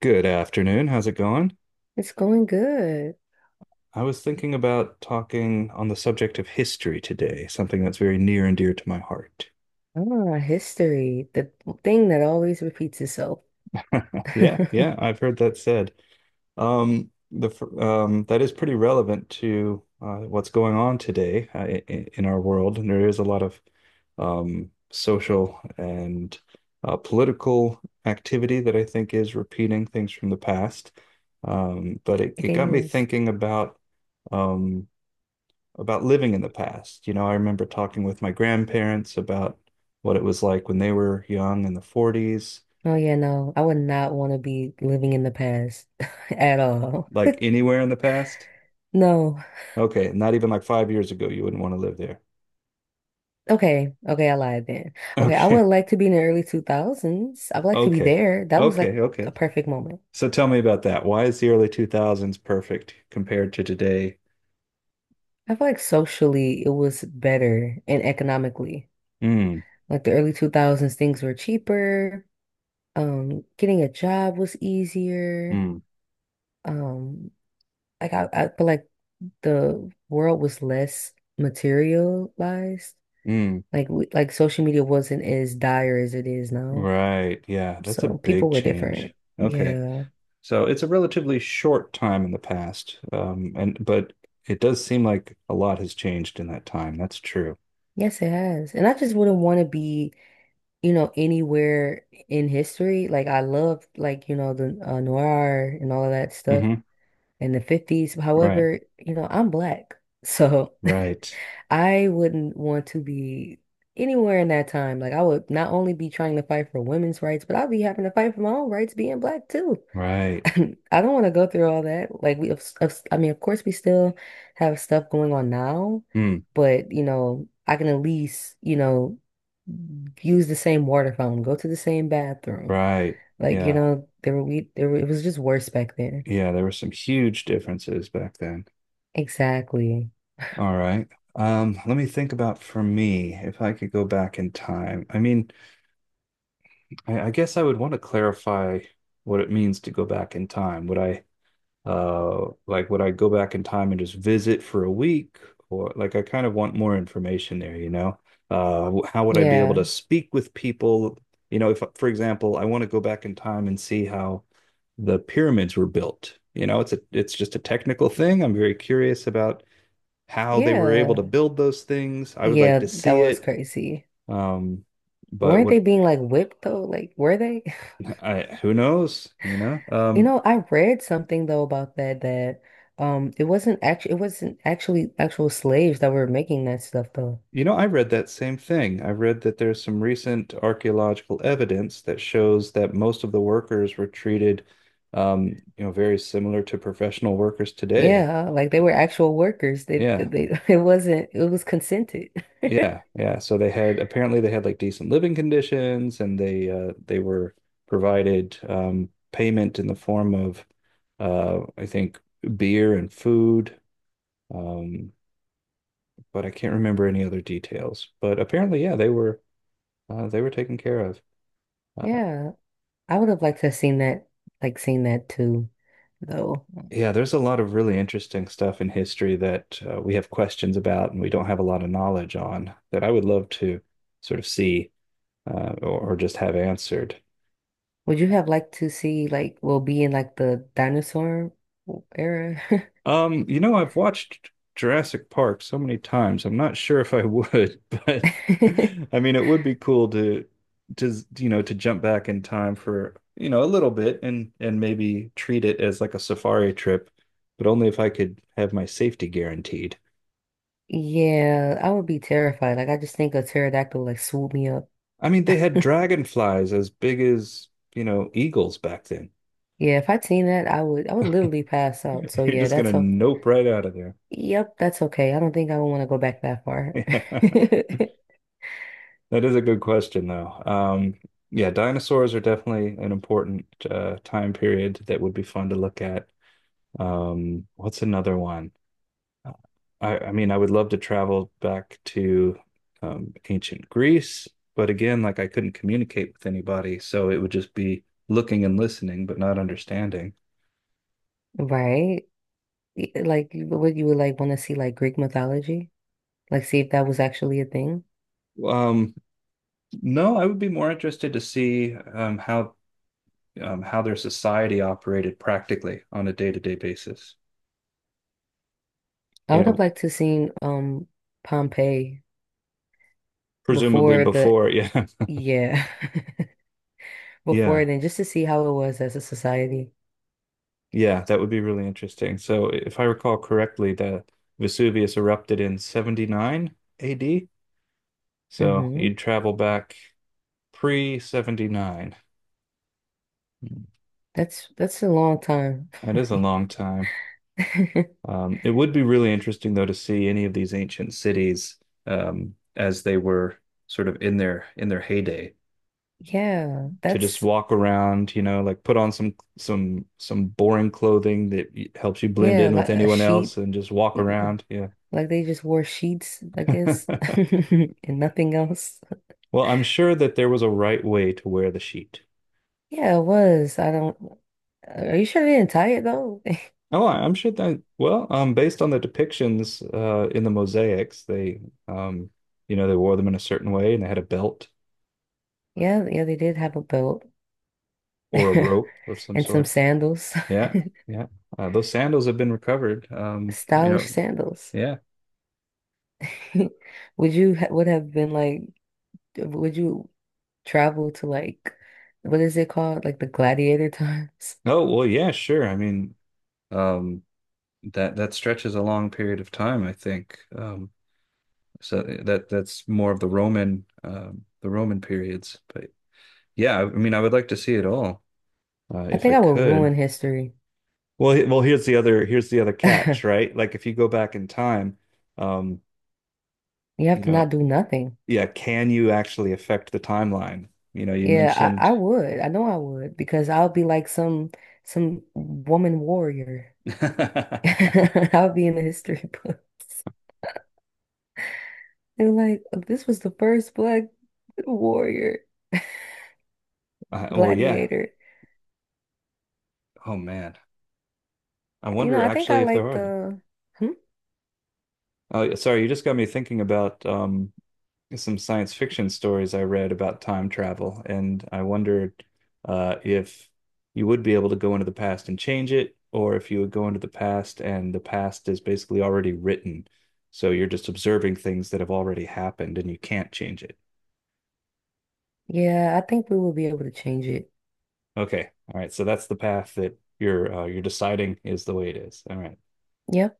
Good afternoon. How's it going? It's going good. I was thinking about talking on the subject of history today, something that's very near and dear to my heart. Ah, history, the thing that always repeats itself. Yeah, yeah, I've heard that said. That is pretty relevant to what's going on today, in our world, and there is a lot of social and political activity that I think is repeating things from the past. Um, but it, It it got me is. thinking about, Um, about living in the past. You know, I remember talking with my grandparents about what it was like when they were young in the 40s, Oh yeah, no, I would not want to be living in the past at all. like anywhere in the past. No. Okay, not even like 5 years ago, you wouldn't want to live there. Okay, okay, I lied then. Okay, I Okay, would like to be in the early 2000s. I would like to be okay, there. That was like okay. a perfect moment. So tell me about that. Why is the early 2000s perfect compared to today? I feel like socially it was better and economically. Mm, Like the early 2000s, things were cheaper. Getting a job was easier. mm, Um, Like I feel like the world was less materialized. mm. Like social media wasn't as dire as it is now. Right. Yeah, that's a So big people were change. different. Okay. Yeah. So it's a relatively short time in the past, and but it does seem like a lot has changed in that time. That's true. Yes, it has. And I just wouldn't want to be, you know, anywhere in history. Like I love, like, you know, the noir and all of that stuff Hmm. in the 50s. Right, However, you know, I'm black. So right, I wouldn't want to be anywhere in that time. Like I would not only be trying to fight for women's rights, but I'd be having to fight for my own rights being black too. right. I don't want to go through all that. Like we, of s- I mean, of course we still have stuff going on now, Hmm. but you know, I can at least, you know, use the same water fountain, go to the same bathroom. Right. Like, you Yeah, know, there were we there were, it was just worse back then. yeah. There were some huge differences back then. Exactly. All right. Let me think. About for me, if I could go back in time. I mean, I guess I would want to clarify what it means to go back in time. Would I? Like would I go back in time and just visit for a week? Or like I kind of want more information there, you know? How would I be able to Yeah. speak with people? You know, if for example, I want to go back in time and see how the pyramids were built. You know, it's just a technical thing. I'm very curious about how they were able to Yeah. build those things. I would like Yeah, to that see was it. crazy. Um, but Weren't they what? being like whipped though? Like, were they? I Who knows, you know? You know, I read something though about that it wasn't actually actual slaves that were making that stuff though. You know, I read that same thing. I read that there's some recent archaeological evidence that shows that most of the workers were treated, um, you know, very similar to professional workers today. Yeah, like they were actual workers. They they, Yeah, they it wasn't, it was consented. Yeah. So they had, apparently they had like decent living conditions, and they, they were provided, payment in the form of, I think, beer and food. Um, but I can't remember any other details. But apparently, yeah, they were, they were taken care of. Uh, Yeah, I would have liked to have seen that, like seen that too though. Yeah, there's a lot of really interesting stuff in history that, we have questions about and we don't have a lot of knowledge on that I would love to sort of see, or just have answered. Would you have liked to see like, well, be in like the dinosaur era? You know, I've watched Jurassic Park so many times. I'm not sure if I would, but I mean, it would be cool to, to jump back in time for, a little bit, and maybe treat it as like a safari trip, but only if I could have my safety guaranteed. Yeah, I would be terrified. Like I just think a pterodactyl like swoop me up. I mean, they had dragonflies as big as, you know, eagles back then. Yeah, if I'd seen that, I would literally pass out. So You're yeah, just gonna that's okay. nope right out of there. Yep, that's okay. I don't think I would want to go back that far. Yeah, that is a good question, though. Yeah, dinosaurs are definitely an important, time period that would be fun to look at. What's another one? Uh, I mean, I would love to travel back to, ancient Greece, but again, like I couldn't communicate with anybody, so it would just be looking and listening, but not understanding. Right? Like what you would like want to see, like Greek mythology? Like see if that was actually a thing. Um, No, I would be more interested to see, how their society operated practically on a day-to-day basis. I You would have know, liked to seen, um, Pompeii presumably before the, before. Yeah. yeah, before Yeah. then, just to see how it was as a society. Yeah. That would be really interesting. So if I recall correctly, the Vesuvius erupted in 79 AD. So Hmm. you'd travel back pre-79. That's a long time. That is a long time. It would be really interesting though to see any of these ancient cities, as they were sort of in their heyday. Yeah, To just that's walk around, you know, like put on some, boring clothing that helps you blend yeah, in like with a anyone else sheep. and just walk around. Yeah. Like they just wore sheets, I guess, and nothing else. Well, I'm sure that there was a right way to wear the sheet. Yeah, it was. I don't. Are you sure they didn't tie it though? Oh, I'm sure that, well, based on the depictions, in the mosaics, they, um, you know, they wore them in a certain way and they had a belt Yeah, yeah, they did have a belt or a rope of some and some sort. sandals, Yeah. Yeah. Those sandals have been recovered. You stylish know, sandals. yeah. Would you ha Would have been like, would you travel to like, what is it called? Like the gladiator times? Oh, well, yeah, sure. I mean, um, that that stretches a long period of time, I think. So that that's more of the Roman, the Roman periods. But yeah, I mean, I would like to see it all, I if I think I would could. ruin history. Well, here's the other, here's the other catch, right? Like if you go back in time, um, You have you to not know, do nothing. yeah, can you actually affect the timeline? You know, you Yeah, I, mentioned, I would. I know I would because I'll be like some woman warrior. uh, I'll be in the history books. They're like, "Oh, this was the first black warrior, well, yeah. gladiator." Oh man, I You know, wonder I think actually I if there like are. the, hmm? Oh, sorry, you just got me thinking about, some science fiction stories I read about time travel, and I wondered, if you would be able to go into the past and change it, or if you would go into the past and the past is basically already written. So you're just observing things that have already happened and you can't change it. Yeah, I think we will be able to change it. Okay. All right. So that's the path that you're, you're deciding is the way it is. All right. Yep.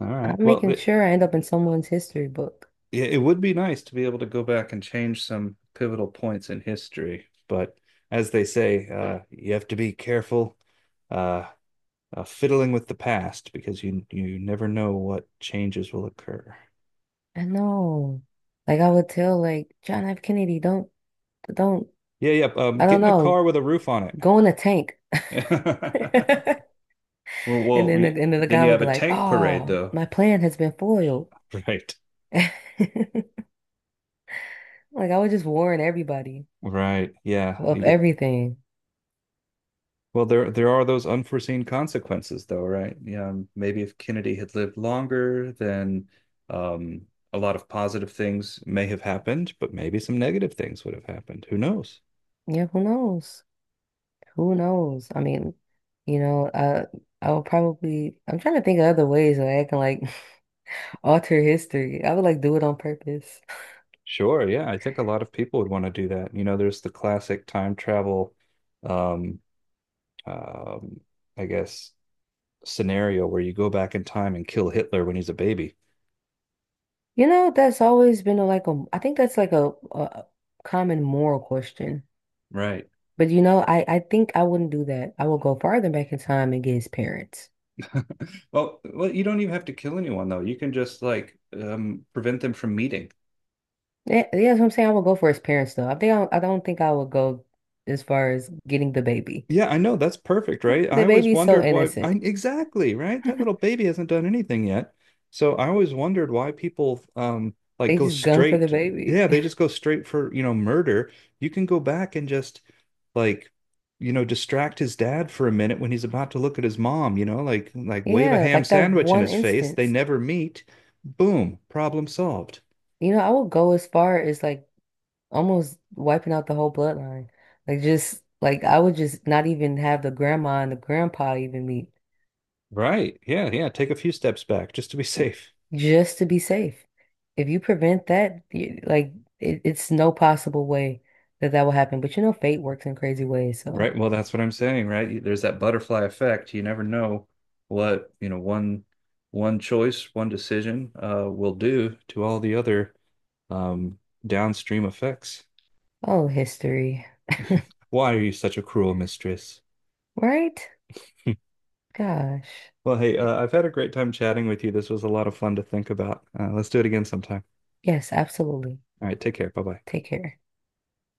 All right. I'm Well, making sure I end up in someone's history book. yeah, it would be nice to be able to go back and change some pivotal points in history, but as they say, you have to be careful, uh, fiddling with the past because you never know what changes will occur. I know. Like I would tell like John F. Kennedy, don't, Yeah, yeah. I Get don't in a know, car with a roof on go in a tank. it. Or well, we, and then the then guy you would have be a like, tank parade, "Oh, though. my plan has been foiled." Right. Like I would just warn everybody Right. Yeah, you of get. everything. Well, there are those unforeseen consequences, though, right? Yeah, maybe if Kennedy had lived longer, then, a lot of positive things may have happened, but maybe some negative things would have happened. Who knows? Yeah, who knows? Who knows? I mean, you know, I would probably. I'm trying to think of other ways that I can like alter history. I would like do it on purpose. Sure, yeah, I think a lot of people would want to do that. You know, there's the classic time travel, um, um, I guess, scenario where you go back in time and kill Hitler when he's a baby. You know, that's always been a, like a. I think that's like a common moral question. Right. But you know, I think I wouldn't do that. I would go farther back in time and get his parents. Well, well, you don't even have to kill anyone though. You can just like, prevent them from meeting. Yeah, yeah, that's what I'm saying. I would go for his parents though. I think I don't think I would go as far as getting the baby. Yeah, I know. That's perfect, right? The I always baby's so wondered why I, innocent. exactly, right? That little baby hasn't done anything yet. So I always wondered why people, like They go just gun for the straight. baby. Yeah, they just go straight for, you know, murder. You can go back and just like, you know, distract his dad for a minute when he's about to look at his mom, you know, like, wave a Yeah, ham like that sandwich in one his face. They instance. never meet. Boom, problem solved. You know, I would go as far as like almost wiping out the whole bloodline. Like just like I would just not even have the grandma and the grandpa even meet, Right. Yeah, yeah. Take a few steps back just to be safe. just to be safe. If you prevent that, you, like it's no possible way that that will happen. But you know, fate works in crazy ways, so. Right. Well, that's what I'm saying, right? There's that butterfly effect. You never know what, you know, one choice, one decision, will do to all the other, um downstream effects. Oh, history, Why are you such a cruel mistress? right? Gosh. Well, hey, I've had a great time chatting with you. This was a lot of fun to think about. Let's do it again sometime. Yes, absolutely. All right, take care. Bye-bye. Take care.